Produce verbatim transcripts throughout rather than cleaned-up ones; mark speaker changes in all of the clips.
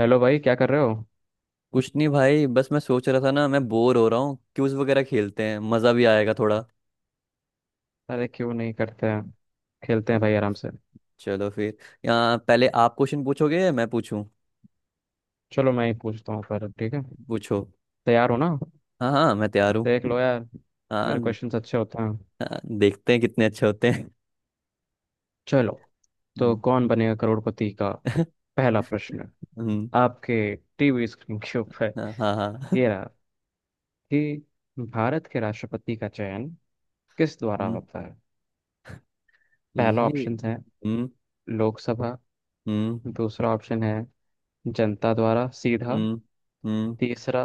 Speaker 1: Hello भाई, क्या कर रहे हो।
Speaker 2: कुछ नहीं भाई, बस मैं सोच रहा था ना, मैं बोर हो रहा हूँ। क्यूज वगैरह खेलते हैं, मज़ा भी आएगा थोड़ा।
Speaker 1: अरे क्यों नहीं, करते हैं। खेलते हैं
Speaker 2: अब
Speaker 1: भाई, आराम से।
Speaker 2: चलो फिर। यहाँ पहले आप क्वेश्चन पूछोगे या मैं पूछूं?
Speaker 1: चलो, मैं ही पूछता हूँ पर ठीक है।
Speaker 2: पूछो।
Speaker 1: तैयार हो ना।
Speaker 2: हाँ हाँ, मैं तैयार
Speaker 1: देख
Speaker 2: हूँ।
Speaker 1: लो यार।
Speaker 2: हाँ।
Speaker 1: मेरे क्वेश्चंस अच्छे होते हैं।
Speaker 2: हाँ, देखते हैं कितने अच्छे होते हैं।
Speaker 1: चलो, तो
Speaker 2: हम्म।
Speaker 1: कौन बनेगा करोड़पति का पहला प्रश्न।
Speaker 2: हम्म।
Speaker 1: आपके टीवी स्क्रीन के ऊपर
Speaker 2: हाँ हाँ हाँ।
Speaker 1: ये रहा कि भारत के राष्ट्रपति का चयन किस द्वारा
Speaker 2: हम्म।
Speaker 1: होता है। पहला
Speaker 2: ये।
Speaker 1: ऑप्शन है
Speaker 2: हम्म।
Speaker 1: लोकसभा।
Speaker 2: हम्म।
Speaker 1: दूसरा ऑप्शन है जनता द्वारा सीधा।
Speaker 2: हम्म। हम्म।
Speaker 1: तीसरा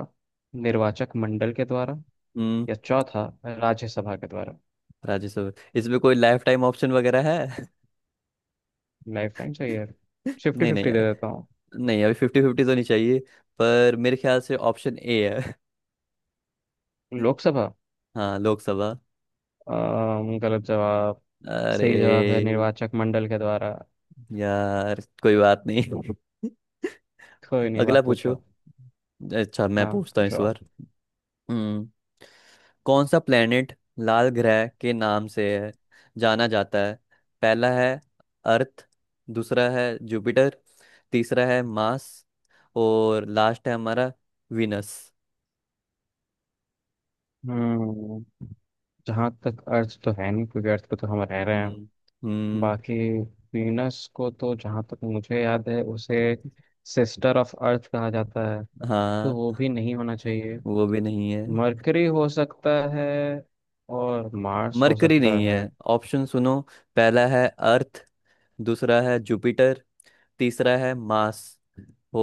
Speaker 1: निर्वाचक मंडल के द्वारा।
Speaker 2: हम्म।
Speaker 1: या चौथा राज्यसभा के द्वारा।
Speaker 2: राज्यसभा। इसमें कोई लाइफ टाइम ऑप्शन वगैरह है?
Speaker 1: लाइफ लाइन चाहिए। फिफ्टी
Speaker 2: नहीं नहीं।
Speaker 1: फिफ्टी दे देता हूँ।
Speaker 2: नहीं, अभी फिफ्टी फिफ्टी तो नहीं चाहिए। पर मेरे ख्याल से ऑप्शन ए है।
Speaker 1: लोकसभा।
Speaker 2: हाँ, लोकसभा।
Speaker 1: अम, गलत जवाब।
Speaker 2: अरे।
Speaker 1: सही जवाब है निर्वाचक मंडल के द्वारा।
Speaker 2: यार, कोई बात नहीं।
Speaker 1: कोई नहीं,
Speaker 2: अगला
Speaker 1: आप
Speaker 2: पूछो।
Speaker 1: पूछो।
Speaker 2: अच्छा, मैं
Speaker 1: हाँ,
Speaker 2: पूछता हूँ
Speaker 1: पूछो
Speaker 2: इस बार।
Speaker 1: आप।
Speaker 2: हम्म। कौन सा प्लेनेट लाल ग्रह के नाम से है जाना जाता है? पहला है अर्थ, दूसरा है जुपिटर, तीसरा है मार्स, और लास्ट है हमारा विनस।
Speaker 1: हम्म जहाँ तक अर्थ तो है नहीं, क्योंकि अर्थ पे तो हम रह रहे
Speaker 2: हम्म।
Speaker 1: हैं।
Speaker 2: हम्म।
Speaker 1: बाकी वीनस को तो जहाँ तक मुझे याद है, उसे सिस्टर ऑफ अर्थ कहा जाता है। तो
Speaker 2: हाँ।
Speaker 1: वो भी नहीं होना चाहिए।
Speaker 2: वो भी नहीं है।
Speaker 1: मरकरी हो सकता है और मार्स हो
Speaker 2: मरकरी
Speaker 1: सकता
Speaker 2: नहीं है।
Speaker 1: है।
Speaker 2: ऑप्शन सुनो। पहला है अर्थ, दूसरा है जुपिटर, तीसरा है मार्स,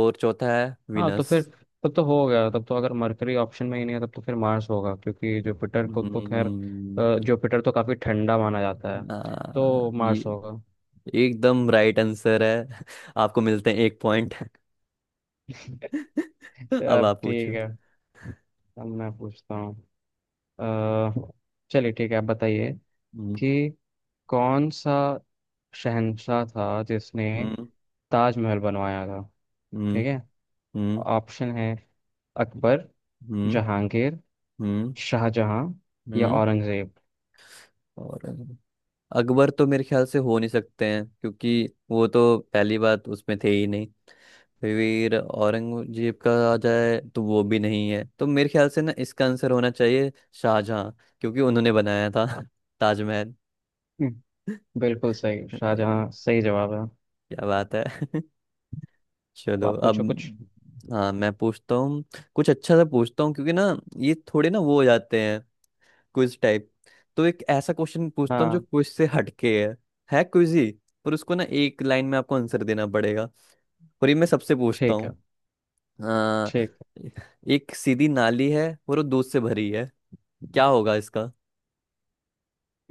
Speaker 2: और चौथा है
Speaker 1: हाँ, तो
Speaker 2: विनस।
Speaker 1: फिर तब तो हो गया। तब तो अगर मरकरी ऑप्शन में ही नहीं है तब तो फिर मार्स होगा, क्योंकि जुपिटर को तो खैर।
Speaker 2: हम्म।
Speaker 1: अ, जुपिटर तो काफी ठंडा माना जाता है।
Speaker 2: आ,
Speaker 1: तो
Speaker 2: ये
Speaker 1: मार्स होगा।
Speaker 2: एकदम राइट आंसर है। आपको मिलते हैं एक पॉइंट। अब
Speaker 1: अब
Speaker 2: आप
Speaker 1: ठीक
Speaker 2: पूछो।
Speaker 1: है, अब मैं पूछता हूँ। अ, चलिए ठीक है, आप बताइए
Speaker 2: हम्म।
Speaker 1: कि कौन सा शहंशाह था जिसने
Speaker 2: हम्म।
Speaker 1: ताजमहल बनवाया था,
Speaker 2: हम्म।
Speaker 1: ठीक है।
Speaker 2: हम्म।
Speaker 1: ऑप्शन है, अकबर,
Speaker 2: हम्म।
Speaker 1: जहांगीर,
Speaker 2: हम्म।
Speaker 1: शाहजहां या
Speaker 2: हम्म।
Speaker 1: औरंगजेब।
Speaker 2: और, अकबर तो मेरे ख्याल से हो नहीं सकते हैं, क्योंकि वो तो पहली बात उसमें थे ही नहीं। फिर औरंगजेब का आ जाए तो वो भी नहीं है, तो मेरे ख्याल से ना इसका आंसर होना चाहिए शाहजहां, क्योंकि उन्होंने बनाया था ताजमहल।
Speaker 1: हम्म, बिल्कुल सही,
Speaker 2: क्या
Speaker 1: शाहजहां सही जवाब है।
Speaker 2: बात है!
Speaker 1: अब
Speaker 2: चलो
Speaker 1: आप
Speaker 2: अब।
Speaker 1: पूछो कुछ।
Speaker 2: हाँ, मैं पूछता हूँ। कुछ अच्छा सा पूछता हूँ, क्योंकि ना, ये थोड़े ना वो हो जाते हैं क्विज टाइप। तो एक ऐसा क्वेश्चन पूछता हूँ जो
Speaker 1: हाँ।
Speaker 2: क्विज से हटके है। है क्विज ही, पर उसको ना एक लाइन में आपको आंसर देना पड़ेगा। और ये मैं सबसे पूछता
Speaker 1: ठीक
Speaker 2: हूँ।
Speaker 1: है।
Speaker 2: हाँ।
Speaker 1: ठीक
Speaker 2: एक सीधी नाली है और वो दूध से भरी है। क्या होगा इसका?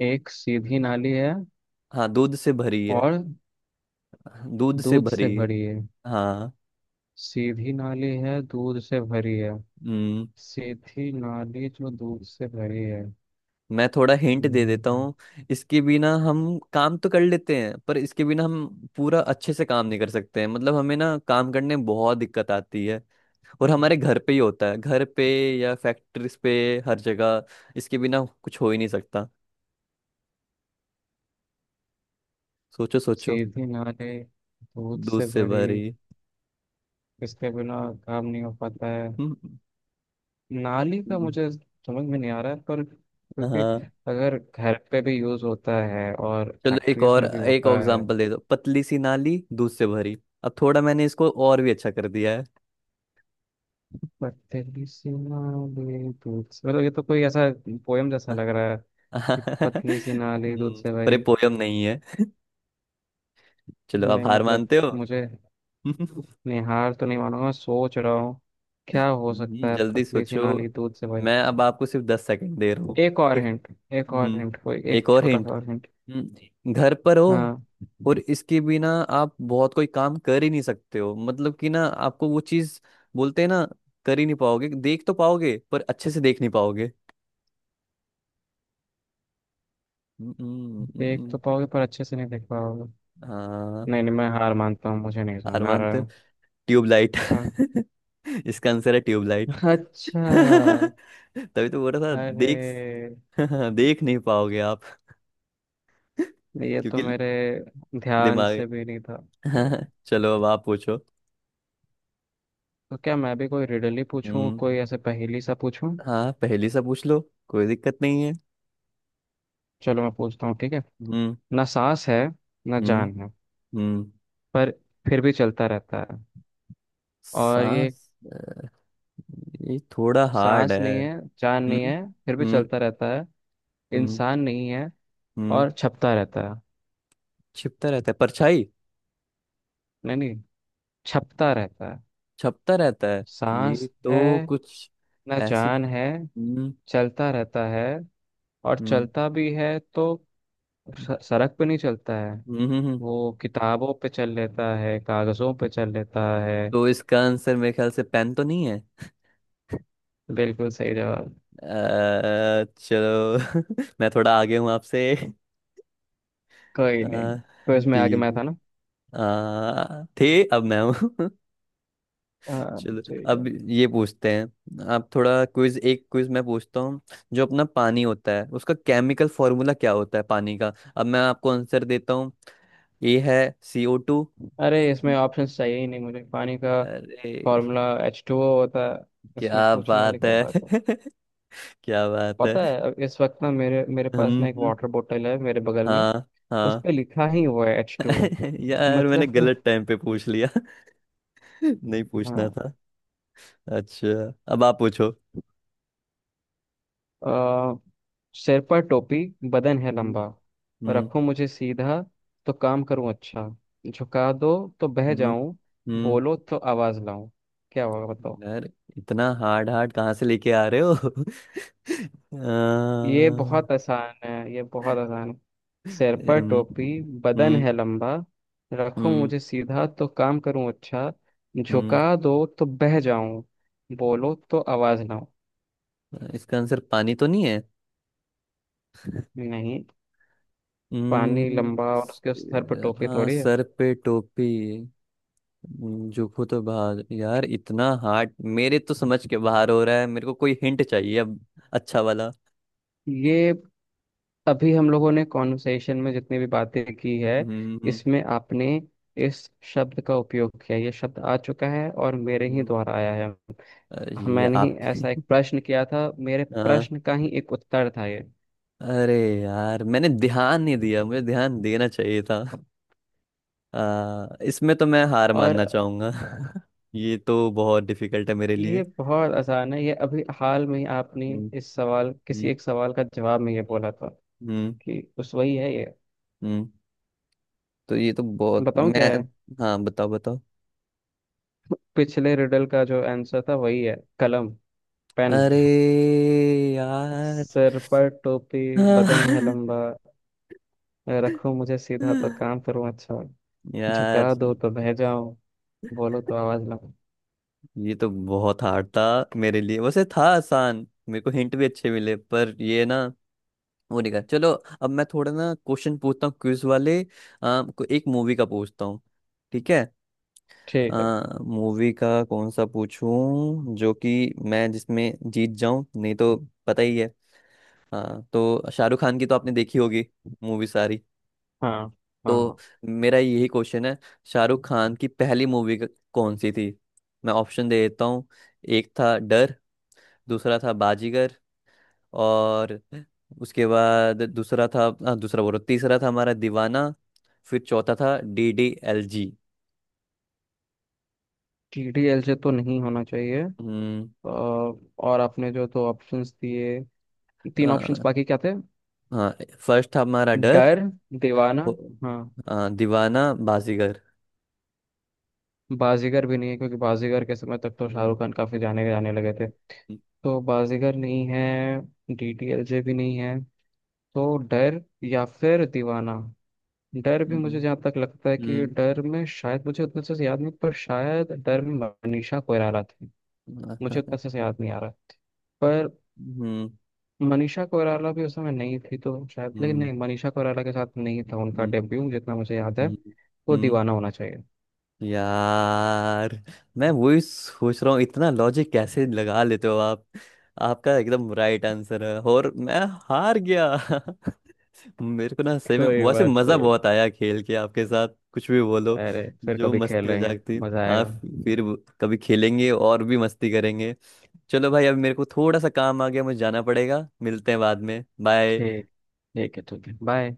Speaker 1: है। एक सीधी नाली है
Speaker 2: हाँ, दूध से भरी है।
Speaker 1: और
Speaker 2: दूध से
Speaker 1: दूध से
Speaker 2: भरी है।
Speaker 1: भरी है।
Speaker 2: हाँ।
Speaker 1: सीधी नाली है, दूध से भरी है।
Speaker 2: हम्म।
Speaker 1: सीधी नाली जो दूध से भरी है।
Speaker 2: मैं थोड़ा हिंट दे देता
Speaker 1: हम्म,
Speaker 2: हूँ। इसके बिना हम काम तो कर लेते हैं, पर इसके बिना हम पूरा अच्छे से काम नहीं कर सकते हैं, मतलब हमें ना काम करने में बहुत दिक्कत आती है। और हमारे घर पे ही होता है, घर पे या फैक्ट्रीज पे, हर जगह। इसके बिना कुछ हो ही नहीं सकता। सोचो सोचो।
Speaker 1: सीधी नाली दूध
Speaker 2: दूध
Speaker 1: से
Speaker 2: से
Speaker 1: भरी,
Speaker 2: भरी।
Speaker 1: इसके बिना काम नहीं हो पाता है।
Speaker 2: हम्म।
Speaker 1: नाली का
Speaker 2: हम्म।
Speaker 1: मुझे समझ में नहीं आ रहा है, पर क्योंकि
Speaker 2: हाँ।
Speaker 1: अगर घर पे भी यूज होता है और
Speaker 2: चलो, एक
Speaker 1: फैक्ट्रीज
Speaker 2: और
Speaker 1: में भी
Speaker 2: एक और
Speaker 1: होता है।
Speaker 2: एग्जांपल दे दो। पतली सी नाली दूध से भरी। अब थोड़ा मैंने इसको और भी अच्छा कर दिया है।
Speaker 1: पतली सी नाली, दूध से मतलब ये तो कोई ऐसा पोयम जैसा लग रहा है, कि पतली सी नाली दूध
Speaker 2: हम्म,
Speaker 1: से
Speaker 2: पर ये
Speaker 1: भरी।
Speaker 2: पोयम नहीं है। चलो, आप
Speaker 1: नहीं,
Speaker 2: हार
Speaker 1: मतलब
Speaker 2: मानते हो?
Speaker 1: मुझे निहार तो नहीं मानूंगा, मैं सोच रहा हूँ क्या हो
Speaker 2: हम्म,
Speaker 1: सकता है
Speaker 2: जल्दी
Speaker 1: पतली सी
Speaker 2: सोचो।
Speaker 1: नाली दूध से भरी।
Speaker 2: मैं अब आपको सिर्फ दस सेकंड दे रहा हूँ।
Speaker 1: एक और
Speaker 2: एक।
Speaker 1: हिंट। एक और
Speaker 2: हम्म।
Speaker 1: हिंट, कोई
Speaker 2: एक
Speaker 1: एक
Speaker 2: और
Speaker 1: छोटा सा
Speaker 2: हिंट।
Speaker 1: और हिंट।
Speaker 2: हम्म, घर पर हो।
Speaker 1: हाँ।
Speaker 2: और इसके बिना आप बहुत कोई काम कर ही नहीं सकते हो, मतलब कि ना आपको वो चीज बोलते हैं ना, कर ही नहीं पाओगे, देख तो पाओगे पर अच्छे से देख नहीं। हम्म। हम्म। हम्म।
Speaker 1: देख
Speaker 2: हम्म।
Speaker 1: तो पाओगे पर अच्छे से नहीं देख पाओगे।
Speaker 2: हाँ।
Speaker 1: नहीं नहीं, मैं हार मानता हूँ, मुझे नहीं
Speaker 2: हार
Speaker 1: समझ आ रहा
Speaker 2: मानते हो?
Speaker 1: है।
Speaker 2: ट्यूबलाइट!
Speaker 1: हाँ।
Speaker 2: इसका आंसर है ट्यूबलाइट।
Speaker 1: अच्छा।
Speaker 2: तभी तो बोल रहा था। देख
Speaker 1: अरे,
Speaker 2: देख नहीं पाओगे आप।
Speaker 1: ये तो
Speaker 2: क्योंकि
Speaker 1: मेरे ध्यान
Speaker 2: दिमाग।
Speaker 1: से भी नहीं था।
Speaker 2: चलो, अब आप पूछो।
Speaker 1: तो क्या मैं भी कोई रिडल ही पूछूं,
Speaker 2: हम्म।
Speaker 1: कोई ऐसे पहेली सा पूछूं।
Speaker 2: हाँ, पहली सा पूछ लो। कोई दिक्कत नहीं है।
Speaker 1: चलो मैं पूछता हूँ, ठीक है।
Speaker 2: हम्म।
Speaker 1: ना सांस है, ना
Speaker 2: हम्म।
Speaker 1: जान है,
Speaker 2: हम्म।
Speaker 1: पर फिर भी चलता रहता है। और ये,
Speaker 2: सांस। अ, ये थोड़ा हार्ड
Speaker 1: सांस
Speaker 2: है।
Speaker 1: नहीं है, जान नहीं
Speaker 2: हम्म।
Speaker 1: है, फिर भी
Speaker 2: हम्म।
Speaker 1: चलता रहता है।
Speaker 2: हम्म।
Speaker 1: इंसान नहीं है
Speaker 2: हम्म।
Speaker 1: और छपता रहता है।
Speaker 2: छिपता रहता है परछाई।
Speaker 1: नहीं नहीं, छपता रहता है।
Speaker 2: छपता रहता है। ये
Speaker 1: सांस है,
Speaker 2: तो कुछ
Speaker 1: ना
Speaker 2: ऐसी।
Speaker 1: जान है,
Speaker 2: हम्म।
Speaker 1: चलता रहता है। और
Speaker 2: हम्म।
Speaker 1: चलता भी है तो स- सड़क पे नहीं चलता है।
Speaker 2: हम्म। हम्म। हम्म।
Speaker 1: वो किताबों पे चल लेता है, कागजों पे चल लेता है।
Speaker 2: तो इसका आंसर मेरे ख्याल से पेन तो नहीं है?
Speaker 1: बिल्कुल सही जवाब।
Speaker 2: अ, चलो। मैं थोड़ा आगे हूँ आपसे।
Speaker 1: कोई
Speaker 2: अ,
Speaker 1: नहीं। क्विज में आगे
Speaker 2: ठीक।
Speaker 1: मैं था ना।
Speaker 2: आ, थे, अब मैं हूँ।
Speaker 1: हाँ।
Speaker 2: चलो।
Speaker 1: ठीक है।
Speaker 2: अब ये पूछते हैं। आप थोड़ा क्विज, एक क्विज मैं पूछता हूँ। जो अपना पानी होता है उसका केमिकल फॉर्मूला क्या होता है पानी का? अब मैं आपको आंसर देता हूँ। ए है सी ओ टू।
Speaker 1: अरे, इसमें ऑप्शंस चाहिए ही नहीं, मुझे पानी का
Speaker 2: अरे!
Speaker 1: फॉर्मूला एच टू ओ होता है। इसमें
Speaker 2: क्या
Speaker 1: पूछने वाले,
Speaker 2: बात
Speaker 1: क्या
Speaker 2: है!
Speaker 1: बात है।
Speaker 2: क्या बात है!
Speaker 1: पता है, अब इस वक्त ना मेरे मेरे पास
Speaker 2: हम।
Speaker 1: ना एक वाटर बोतल है मेरे बगल में।
Speaker 2: हाँ
Speaker 1: उस
Speaker 2: हाँ।
Speaker 1: पे लिखा ही हुआ है एच टू ओ।
Speaker 2: यार, मैंने
Speaker 1: मतलब।
Speaker 2: गलत टाइम पे पूछ लिया। नहीं पूछना
Speaker 1: हाँ।
Speaker 2: था। अच्छा, अब आप पूछो।
Speaker 1: अ, सिर पर टोपी, बदन है
Speaker 2: हम्म।
Speaker 1: लंबा।
Speaker 2: हम्म।
Speaker 1: रखो मुझे सीधा तो काम करूं अच्छा। झुका दो तो बह
Speaker 2: हम्म।
Speaker 1: जाऊं।
Speaker 2: हम्म।
Speaker 1: बोलो तो आवाज लाऊं। क्या होगा बताओ।
Speaker 2: यार, इतना हार्ड हार्ड कहाँ से लेके आ रहे हो? अ,
Speaker 1: ये बहुत आसान है, ये बहुत आसान है। सिर पर
Speaker 2: हम्म।
Speaker 1: टोपी, बदन
Speaker 2: हम्म।
Speaker 1: है लंबा। रखो
Speaker 2: हम्म।
Speaker 1: मुझे सीधा तो काम करूं अच्छा।
Speaker 2: हम्म।
Speaker 1: झुका दो तो बह जाऊं। बोलो तो आवाज ना हो।
Speaker 2: इसका आंसर पानी तो नहीं है?
Speaker 1: नहीं, पानी
Speaker 2: हम्म।
Speaker 1: लंबा और
Speaker 2: स-
Speaker 1: उसके सर पर टोपी
Speaker 2: हाँ,
Speaker 1: थोड़ी है।
Speaker 2: सर पे टोपी। हम्म, जूहू तो बाहर। यार, इतना हार्ड मेरे तो समझ के बाहर हो रहा है, मेरे को कोई हिंट चाहिए अब। अच्छा वाला।
Speaker 1: ये अभी हम लोगों ने कॉन्वर्सेशन में जितनी भी बातें की है,
Speaker 2: हम्म।
Speaker 1: इसमें आपने इस शब्द का उपयोग किया, ये शब्द आ चुका है और मेरे ही
Speaker 2: हम्म,
Speaker 1: द्वारा आया है।
Speaker 2: अ,
Speaker 1: हाँ,
Speaker 2: ये
Speaker 1: मैंने ही
Speaker 2: आपके।
Speaker 1: ऐसा एक प्रश्न किया था, मेरे
Speaker 2: हाँ।
Speaker 1: प्रश्न का ही एक उत्तर था ये।
Speaker 2: अरे, यार, मैंने ध्यान नहीं दिया, मुझे ध्यान देना चाहिए था। आ, इसमें तो मैं हार मानना
Speaker 1: और
Speaker 2: चाहूंगा। ये तो बहुत डिफिकल्ट है मेरे लिए।
Speaker 1: ये बहुत आसान है, ये अभी हाल में ही आपने
Speaker 2: हम्म।
Speaker 1: इस सवाल, किसी
Speaker 2: हम्म।
Speaker 1: एक सवाल का जवाब में ये बोला था
Speaker 2: हम्म।
Speaker 1: कि उस वही है ये।
Speaker 2: हम्म, तो ये तो बहुत,
Speaker 1: बताऊं
Speaker 2: मैं।
Speaker 1: क्या है।
Speaker 2: हाँ, बताओ बताओ।
Speaker 1: पिछले रिडल का जो आंसर था वही है, कलम, पेन।
Speaker 2: अरे। यार।
Speaker 1: सिर पर टोपी, बदन है लंबा। रखो मुझे सीधा तो काम करूं अच्छा।
Speaker 2: यार,
Speaker 1: झुका दो तो बह जाऊं। बोलो तो आवाज लगाऊं।
Speaker 2: ये तो बहुत हार्ड था मेरे लिए। वैसे था आसान, मेरे को हिंट भी अच्छे मिले, पर ये ना वो नहीं कर। चलो, अब मैं थोड़ा ना क्वेश्चन पूछता हूँ क्विज वाले। आ, को एक मूवी का पूछता हूँ। ठीक है।
Speaker 1: ठीक है।
Speaker 2: आ, मूवी का कौन सा पूछूं जो कि मैं जिसमें जीत जाऊं, नहीं तो पता ही है। हाँ, तो शाहरुख खान की तो आपने देखी होगी मूवी सारी।
Speaker 1: हाँ,
Speaker 2: तो
Speaker 1: हाँ।
Speaker 2: मेरा यही क्वेश्चन है। शाहरुख खान की पहली मूवी क- कौन सी थी? मैं ऑप्शन दे देता हूँ। एक था डर। दूसरा था बाजीगर। और उसके बाद दूसरा था, आ, दूसरा बोलो, तीसरा था हमारा दीवाना। फिर चौथा था डी डी एल जी।
Speaker 1: टी डी एल से तो नहीं होना चाहिए। अ,
Speaker 2: हम्म।
Speaker 1: और आपने जो तो ऑप्शंस दिए, तीन ऑप्शंस,
Speaker 2: आ,
Speaker 1: बाकी क्या थे।
Speaker 2: हाँ, फर्स्ट था हमारा डर।
Speaker 1: डर, दीवाना।
Speaker 2: वो-
Speaker 1: हाँ।
Speaker 2: आ, दीवाना, बाजीगर।
Speaker 1: बाजीगर भी नहीं है, क्योंकि बाजीगर के समय तक तो
Speaker 2: हम्म।
Speaker 1: शाहरुख खान काफी जाने जाने लगे थे। तो बाजीगर नहीं है। डी डी एल जे भी नहीं है। तो डर या फिर दीवाना। डर भी मुझे
Speaker 2: हम्म।
Speaker 1: जहाँ तक लगता है, कि
Speaker 2: हम्म।
Speaker 1: डर में शायद, मुझे उतना अच्छे से याद नहीं, पर शायद डर में मनीषा कोइराला थी। मुझे
Speaker 2: हम्म।
Speaker 1: उतना अच्छे से याद नहीं आ रहा, पर
Speaker 2: हम्म।
Speaker 1: मनीषा कोइराला भी उस समय नहीं थी, तो शायद,
Speaker 2: हम्म।
Speaker 1: लेकिन
Speaker 2: हम्म।
Speaker 1: नहीं, मनीषा कोइराला के साथ नहीं था उनका
Speaker 2: हम्म।
Speaker 1: डेब्यू, जितना मुझे याद है।
Speaker 2: हम्म।
Speaker 1: वो
Speaker 2: हम्म।
Speaker 1: दीवाना होना चाहिए।
Speaker 2: यार, मैं वही सोच रहा हूँ, इतना लॉजिक कैसे लगा लेते हो आप? आपका एकदम राइट आंसर है, और मैं हार गया। मेरे को ना सही में
Speaker 1: कोई
Speaker 2: वैसे
Speaker 1: बात
Speaker 2: मजा
Speaker 1: नहीं।
Speaker 2: बहुत आया खेल के आपके साथ, कुछ भी बोलो।
Speaker 1: अरे फिर
Speaker 2: जो
Speaker 1: कभी खेल
Speaker 2: मस्ती हो
Speaker 1: लेंगे।
Speaker 2: जाती।
Speaker 1: मजा
Speaker 2: आप,
Speaker 1: आएगा।
Speaker 2: फिर वो- कभी खेलेंगे और भी मस्ती करेंगे। चलो भाई, अब मेरे को थोड़ा सा काम आ गया, मुझे जाना पड़ेगा, मिलते हैं बाद में। बाय।
Speaker 1: ठीक, ठीक है, ठीक है, बाय।